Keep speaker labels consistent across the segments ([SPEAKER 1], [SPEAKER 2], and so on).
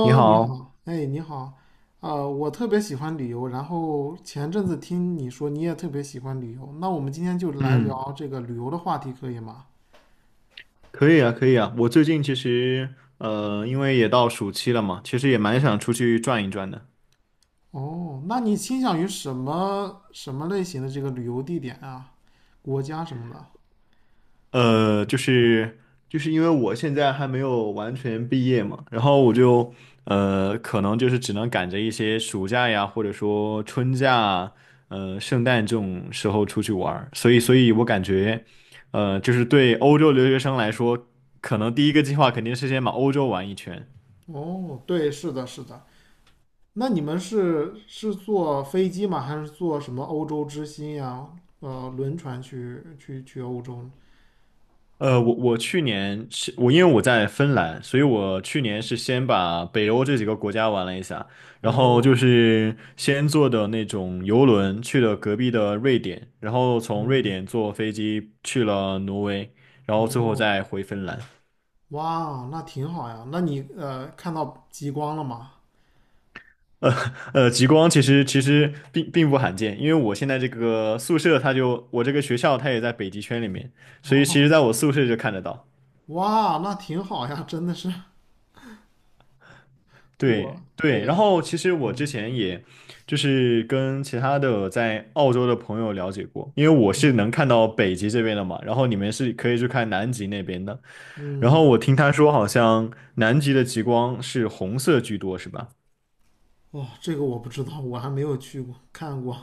[SPEAKER 1] 你
[SPEAKER 2] 你
[SPEAKER 1] 好，
[SPEAKER 2] 好，哎，你好，我特别喜欢旅游，然后前阵子听你说你也特别喜欢旅游，那我们今天就来
[SPEAKER 1] 嗯，
[SPEAKER 2] 聊这个旅游的话题，可以吗？
[SPEAKER 1] 可以啊，可以啊。我最近其实，因为也到暑期了嘛，其实也蛮想出去转一转的。
[SPEAKER 2] 哦，那你倾向于什么类型的这个旅游地点啊，国家什么的？
[SPEAKER 1] 呃，就是就是因为我现在还没有完全毕业嘛，然后我就可能就是只能赶着一些暑假呀，或者说春假啊圣诞这种时候出去玩儿。所以我感觉，就是对欧洲留学生来说，可能第一个计划肯定是先把欧洲玩一圈。
[SPEAKER 2] 哦，对，是的，是的。那你们是坐飞机吗？还是坐什么欧洲之星呀，轮船去欧洲呢
[SPEAKER 1] 呃，我我去年是因为我在芬兰，所以我去年是先把北欧这几个国家玩了一下，然后就
[SPEAKER 2] 哦，
[SPEAKER 1] 是先坐的那种游轮去了隔壁的瑞典，然后从瑞
[SPEAKER 2] 嗯，
[SPEAKER 1] 典坐飞机去了挪威，然后最后
[SPEAKER 2] 哦。
[SPEAKER 1] 再回芬兰。
[SPEAKER 2] 哇，那挺好呀。那你看到极光了吗？
[SPEAKER 1] 呃极光其实并不罕见，因为我现在这个宿舍它就我这个学校它也在北极圈里面，所以其实在
[SPEAKER 2] 哦，
[SPEAKER 1] 我宿舍就看得到。
[SPEAKER 2] 哇，那挺好呀，真的是我，
[SPEAKER 1] 对对，然
[SPEAKER 2] 对，
[SPEAKER 1] 后其实我之
[SPEAKER 2] 嗯
[SPEAKER 1] 前也就是跟其他的在澳洲的朋友了解过，因为我是能看到北极这边的嘛，然后你们是可以去看南极那边的，然后
[SPEAKER 2] 嗯，
[SPEAKER 1] 我听他说好像南极的极光是红色居多，是吧？
[SPEAKER 2] 哇，这个我不知道，我还没有去过看过，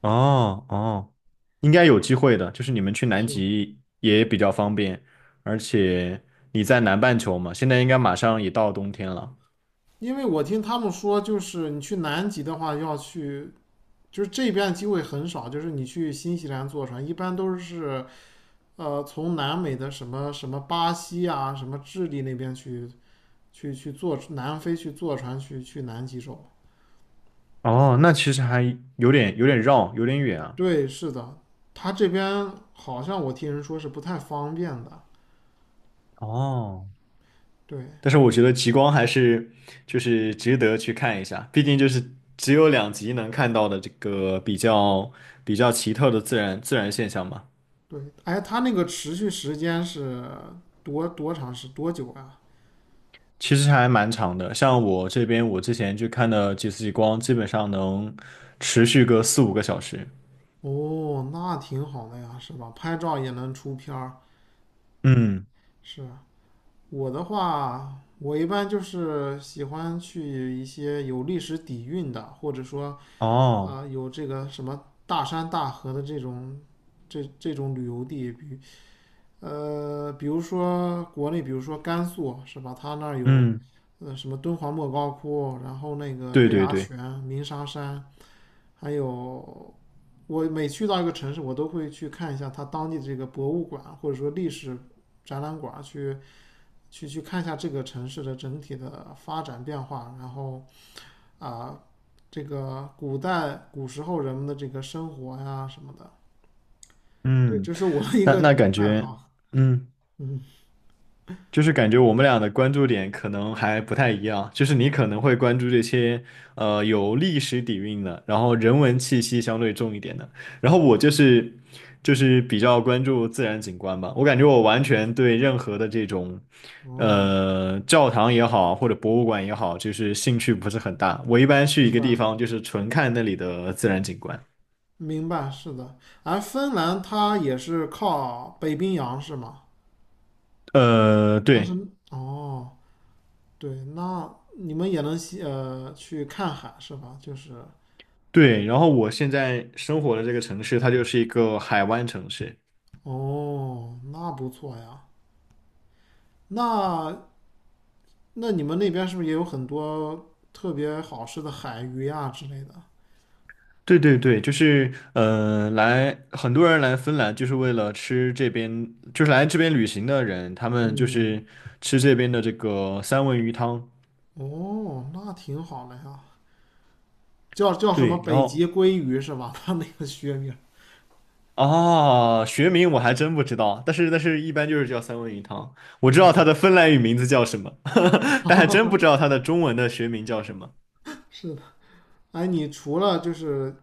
[SPEAKER 1] 哦哦，应该有机会的，就是你们去 南
[SPEAKER 2] 是
[SPEAKER 1] 极也比较方便，而且你在南半球嘛，现在应该马上也到冬天了。
[SPEAKER 2] 因为我听他们说，就是你去南极的话，要去，就是这边机会很少，就是你去新西兰坐船，一般都是从南美的什么巴西啊，什么智利那边去坐南非坐船去南极洲。
[SPEAKER 1] 哦，那其实还有点绕，有点远啊。
[SPEAKER 2] 对，是的，他这边好像我听人说是不太方便的。
[SPEAKER 1] 哦。
[SPEAKER 2] 对
[SPEAKER 1] 但是我觉得极光还是就是值得去看一下，毕竟就是只有两极能看到的这个比较奇特的自然现象嘛。
[SPEAKER 2] 对，哎，他那个持续时间是多多长时多久啊？
[SPEAKER 1] 其实还蛮长的，像我这边我之前去看的几次极光，基本上能持续个4、5个小时。
[SPEAKER 2] 哦，那挺好的呀，是吧？拍照也能出片儿。
[SPEAKER 1] 嗯，
[SPEAKER 2] 是我的话，我一般就是喜欢去一些有历史底蕴的，或者说啊、
[SPEAKER 1] 哦，
[SPEAKER 2] 有这个什么大山大河的这种这种旅游地，比如说国内，比如说甘肃是吧？它那儿有，
[SPEAKER 1] 嗯，
[SPEAKER 2] 什么敦煌莫高窟，然后那个
[SPEAKER 1] 对
[SPEAKER 2] 月
[SPEAKER 1] 对
[SPEAKER 2] 牙
[SPEAKER 1] 对，
[SPEAKER 2] 泉、鸣沙山，还有我每去到一个城市，我都会去看一下它当地的这个博物馆，或者说历史展览馆，去看一下这个城市的整体的发展变化，然后啊、这个古时候人们的这个生活呀什么的，对，
[SPEAKER 1] 嗯，
[SPEAKER 2] 这是我的一
[SPEAKER 1] 那
[SPEAKER 2] 个
[SPEAKER 1] 那感
[SPEAKER 2] 爱
[SPEAKER 1] 觉，
[SPEAKER 2] 好。
[SPEAKER 1] 嗯。
[SPEAKER 2] 嗯
[SPEAKER 1] 就是感觉我们俩的关注点可能还不太一样，就是你可能会关注这些有历史底蕴的，然后人文气息相对重一点的，然后我
[SPEAKER 2] 嗯，
[SPEAKER 1] 就是比较关注自然景观吧，我感觉我完全对任何的这种
[SPEAKER 2] 哦。
[SPEAKER 1] 教堂也好或者博物馆也好，就是兴趣不是很大，我一般去一
[SPEAKER 2] 明
[SPEAKER 1] 个
[SPEAKER 2] 白，
[SPEAKER 1] 地方就是纯看那里的自然景观。
[SPEAKER 2] 明白，是的。而芬兰它也是靠北冰洋是吗？它是，
[SPEAKER 1] 对
[SPEAKER 2] 哦，对，那你们也能去看海是吧？就是，
[SPEAKER 1] 对，然后我现在生活的这个城市，它就是一个海湾城市，
[SPEAKER 2] 哦，那不错呀。那那你们那边是不是也有很多特别好吃的海鱼呀之类的？
[SPEAKER 1] 对对对，就是来很多人来芬兰就是为了吃这边，就是来这边旅行的人，他们就是
[SPEAKER 2] 嗯，
[SPEAKER 1] 吃这边的这个三文鱼汤。
[SPEAKER 2] 哦，那挺好的呀。叫什么
[SPEAKER 1] 对，然
[SPEAKER 2] 北极
[SPEAKER 1] 后
[SPEAKER 2] 鲑鱼是吧？它那个学名。
[SPEAKER 1] 啊，学名我还真不知道，但是一般就是叫三文鱼汤。我知道它
[SPEAKER 2] 嗯，
[SPEAKER 1] 的芬兰语名字叫什么，但还真不知道 它的中文的学名叫什么。
[SPEAKER 2] 是的。哎，你除了就是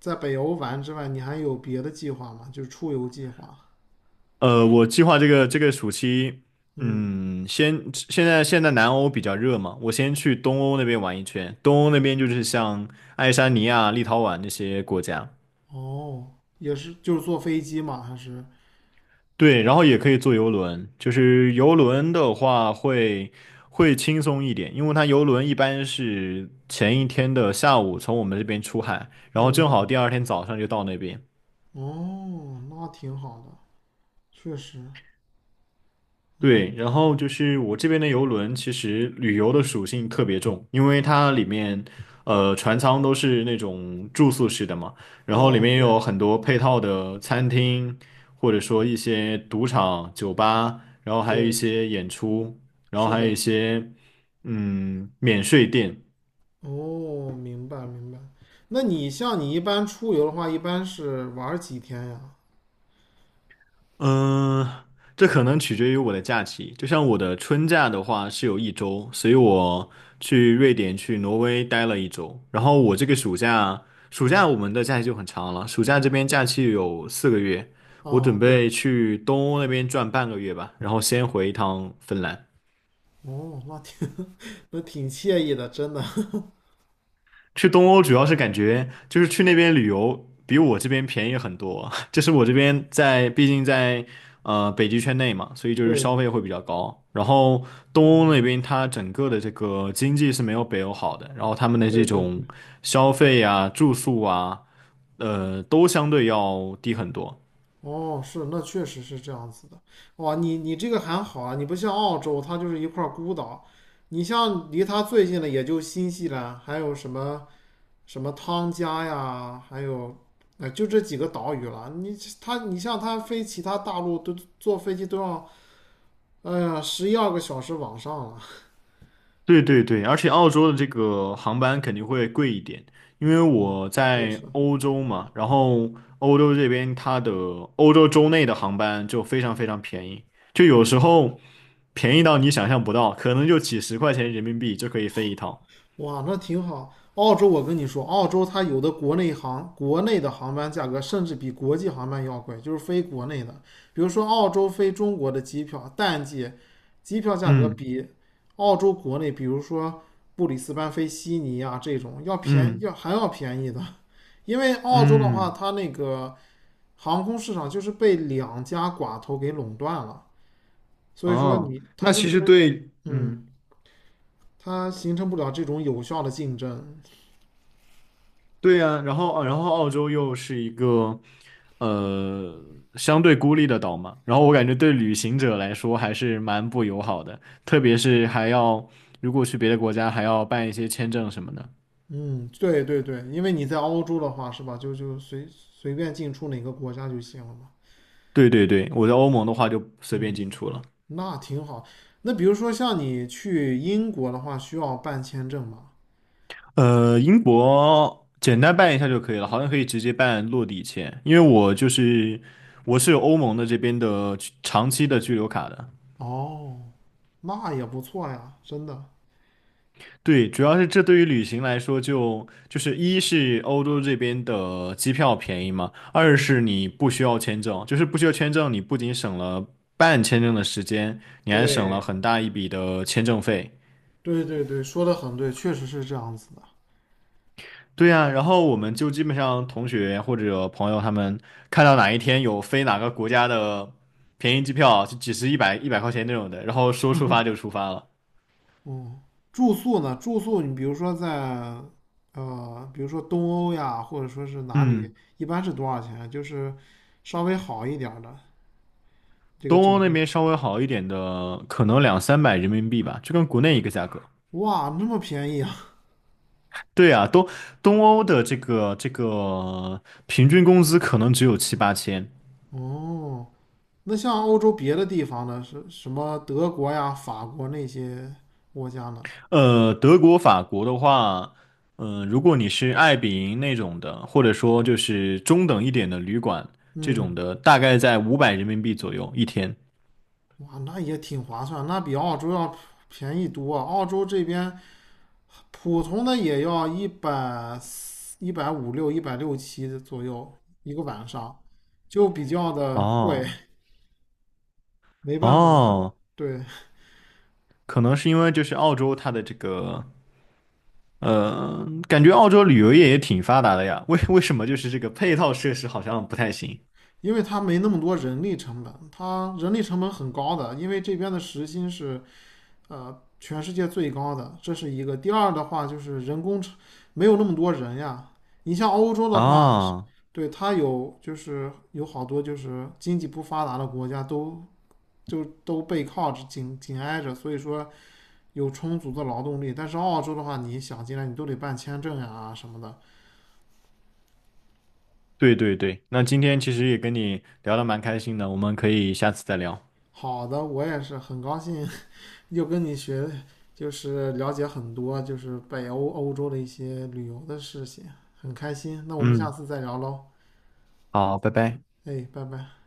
[SPEAKER 2] 在北欧玩之外，你还有别的计划吗？就是出游计划。
[SPEAKER 1] 我计划这个暑期，
[SPEAKER 2] 嗯，
[SPEAKER 1] 嗯，先现在现在南欧比较热嘛，我先去东欧那边玩一圈。东欧那边就是像爱沙尼亚、立陶宛这些国家，
[SPEAKER 2] 哦，也是，就是坐飞机吗？还是？
[SPEAKER 1] 对，然后也可以坐游轮。就是游轮的话会轻松一点，因为它游轮一般是前一天的下午从我们这边出海，然后正好
[SPEAKER 2] 嗯，
[SPEAKER 1] 第二天早上就到那边。
[SPEAKER 2] 哦，那挺好的，确实。嗯，
[SPEAKER 1] 对，然后就是我这边的游轮，其实旅游的属性特别重，因为它里面，船舱都是那种住宿式的嘛，然后里
[SPEAKER 2] 哦，
[SPEAKER 1] 面也
[SPEAKER 2] 对
[SPEAKER 1] 有很多配套的餐厅，或者说一些赌场、酒吧，然后还有一
[SPEAKER 2] 对，
[SPEAKER 1] 些演出，然后
[SPEAKER 2] 是
[SPEAKER 1] 还有一
[SPEAKER 2] 的。
[SPEAKER 1] 些免税店，
[SPEAKER 2] 哦，明白明白。那你像你一般出游的话，一般是玩儿几天呀？
[SPEAKER 1] 嗯，这可能取决于我的假期。就像我的春假的话是有一周，所以我去瑞典、去挪威待了一周。然后我这个
[SPEAKER 2] 嗯
[SPEAKER 1] 暑假，暑假
[SPEAKER 2] 嗯，
[SPEAKER 1] 我们的假期就很长了，暑假这边假期有4个月，我准
[SPEAKER 2] 哦，对，
[SPEAKER 1] 备去东欧那边转半个月吧，然后先回一趟芬兰。
[SPEAKER 2] 哦，那挺 那挺惬意的，真的。
[SPEAKER 1] 去东欧主要是感觉就是去那边旅游比我这边便宜很多，就是我这边毕竟在北极圈内嘛，所以就是
[SPEAKER 2] 对，
[SPEAKER 1] 消费会比较高。然后东欧那
[SPEAKER 2] 嗯，
[SPEAKER 1] 边它整个的这个经济是没有北欧好的，然后他们的
[SPEAKER 2] 对
[SPEAKER 1] 这
[SPEAKER 2] 对
[SPEAKER 1] 种
[SPEAKER 2] 对。
[SPEAKER 1] 消费啊、住宿啊，都相对要低很多。
[SPEAKER 2] 哦，是，那确实是这样子的。哇，你这个还好啊，你不像澳洲，它就是一块孤岛。你像离它最近的也就新西兰，还有什么汤加呀，还有，就这几个岛屿了。你像它飞其他大陆都坐飞机都要，哎呀，十一二个小时往上了。
[SPEAKER 1] 对对对，而且澳洲的这个航班肯定会贵一点，因为
[SPEAKER 2] 嗯，
[SPEAKER 1] 我
[SPEAKER 2] 确
[SPEAKER 1] 在
[SPEAKER 2] 实。
[SPEAKER 1] 欧洲嘛，然后欧洲这边它的欧洲州内的航班就非常非常便宜，就有时候便宜到你想象不到，可能就几十块钱人民币就可以飞一趟。
[SPEAKER 2] 哇，那挺好。澳洲，我跟你说，澳洲它有的国内的航班价格甚至比国际航班要贵，就是飞国内的。比如说澳洲飞中国的机票，淡季机票价格
[SPEAKER 1] 嗯
[SPEAKER 2] 比澳洲国内，比如说布里斯班飞悉尼啊这种要便
[SPEAKER 1] 嗯
[SPEAKER 2] 要还要便宜的，因为澳洲的话，
[SPEAKER 1] 嗯，
[SPEAKER 2] 它那个航空市场就是被两家寡头给垄断了，所以说
[SPEAKER 1] 哦，
[SPEAKER 2] 它
[SPEAKER 1] 那
[SPEAKER 2] 就
[SPEAKER 1] 其实
[SPEAKER 2] 是
[SPEAKER 1] 对，
[SPEAKER 2] 嗯，
[SPEAKER 1] 嗯。
[SPEAKER 2] 它形成不了这种有效的竞争。
[SPEAKER 1] 对呀，然后澳洲又是一个呃相对孤立的岛嘛，然后我感觉对旅行者来说还是蛮不友好的，特别是还要如果去别的国家还要办一些签证什么的。
[SPEAKER 2] 嗯，对对对，因为你在欧洲的话，是吧？就随便进出哪个国家就行了嘛。
[SPEAKER 1] 对对对，我在欧盟的话就随便
[SPEAKER 2] 嗯，
[SPEAKER 1] 进出了。
[SPEAKER 2] 那挺好。那比如说像你去英国的话，需要办签证吗？
[SPEAKER 1] 英国简单办一下就可以了，好像可以直接办落地签，因为我是有欧盟的这边的居长期的居留卡的。
[SPEAKER 2] 哦，那也不错呀，真的。
[SPEAKER 1] 对，主要是这对于旅行来说就是一是欧洲这边的机票便宜嘛，二
[SPEAKER 2] 嗯，
[SPEAKER 1] 是你不需要签证，就是不需要签证，你不仅省了办签证的时间，你还省了
[SPEAKER 2] 对，
[SPEAKER 1] 很大一笔的签证费。
[SPEAKER 2] 对对对，说的很对，确实是这样子的。
[SPEAKER 1] 对呀，然后我们就基本上同学或者朋友他们看到哪一天有飞哪个国家的便宜机票，就几十、一百、100块钱那种的，然后说出发就出发了。
[SPEAKER 2] 嗯，住宿呢？住宿你比如说在比如说东欧呀，或者说是哪里，
[SPEAKER 1] 嗯，
[SPEAKER 2] 一般是多少钱啊？就是稍微好一点儿的这个
[SPEAKER 1] 东
[SPEAKER 2] 酒
[SPEAKER 1] 欧那
[SPEAKER 2] 店。
[SPEAKER 1] 边稍微好一点的，可能2、300人民币吧，就跟国内一个价格。
[SPEAKER 2] 哇，那么便宜啊！
[SPEAKER 1] 对啊，东欧的这个平均工资可能只有7、8千。
[SPEAKER 2] 哦，那像欧洲别的地方呢，是什么德国呀、法国那些国家呢？
[SPEAKER 1] 德国、法国的话，如果你是爱彼迎那种的，或者说就是中等一点的旅馆这
[SPEAKER 2] 嗯，
[SPEAKER 1] 种的，大概在500人民币左右一天。
[SPEAKER 2] 哇，那也挺划算，那比澳洲要便宜多啊。澳洲这边普通的也要一百一百五六、一百六七左右一个晚上，就比较的贵。
[SPEAKER 1] 哦
[SPEAKER 2] 没办法，它
[SPEAKER 1] 哦，
[SPEAKER 2] 对，
[SPEAKER 1] 可能是因为就是澳洲它的这个，感觉澳洲旅游业也挺发达的呀。为什么就是这个配套设施好像不太行？
[SPEAKER 2] 因为它没那么多人力成本，它人力成本很高的，因为这边的时薪是全世界最高的，这是一个。第二的话就是人工成没有那么多人呀。你像欧洲的话，
[SPEAKER 1] 啊？
[SPEAKER 2] 对，它有就是有好多就是经济不发达的国家都都背靠着紧紧挨着，所以说有充足的劳动力。但是澳洲的话，你想进来你都得办签证呀、什么的。
[SPEAKER 1] 对对对，那今天其实也跟你聊得蛮开心的，我们可以下次再聊。
[SPEAKER 2] 好的，我也是很高兴又跟你学，就是了解很多，就是北欧欧洲的一些旅游的事情，很开心。那我们下
[SPEAKER 1] 嗯，
[SPEAKER 2] 次再聊喽，
[SPEAKER 1] 好，拜拜。
[SPEAKER 2] 哎，拜拜。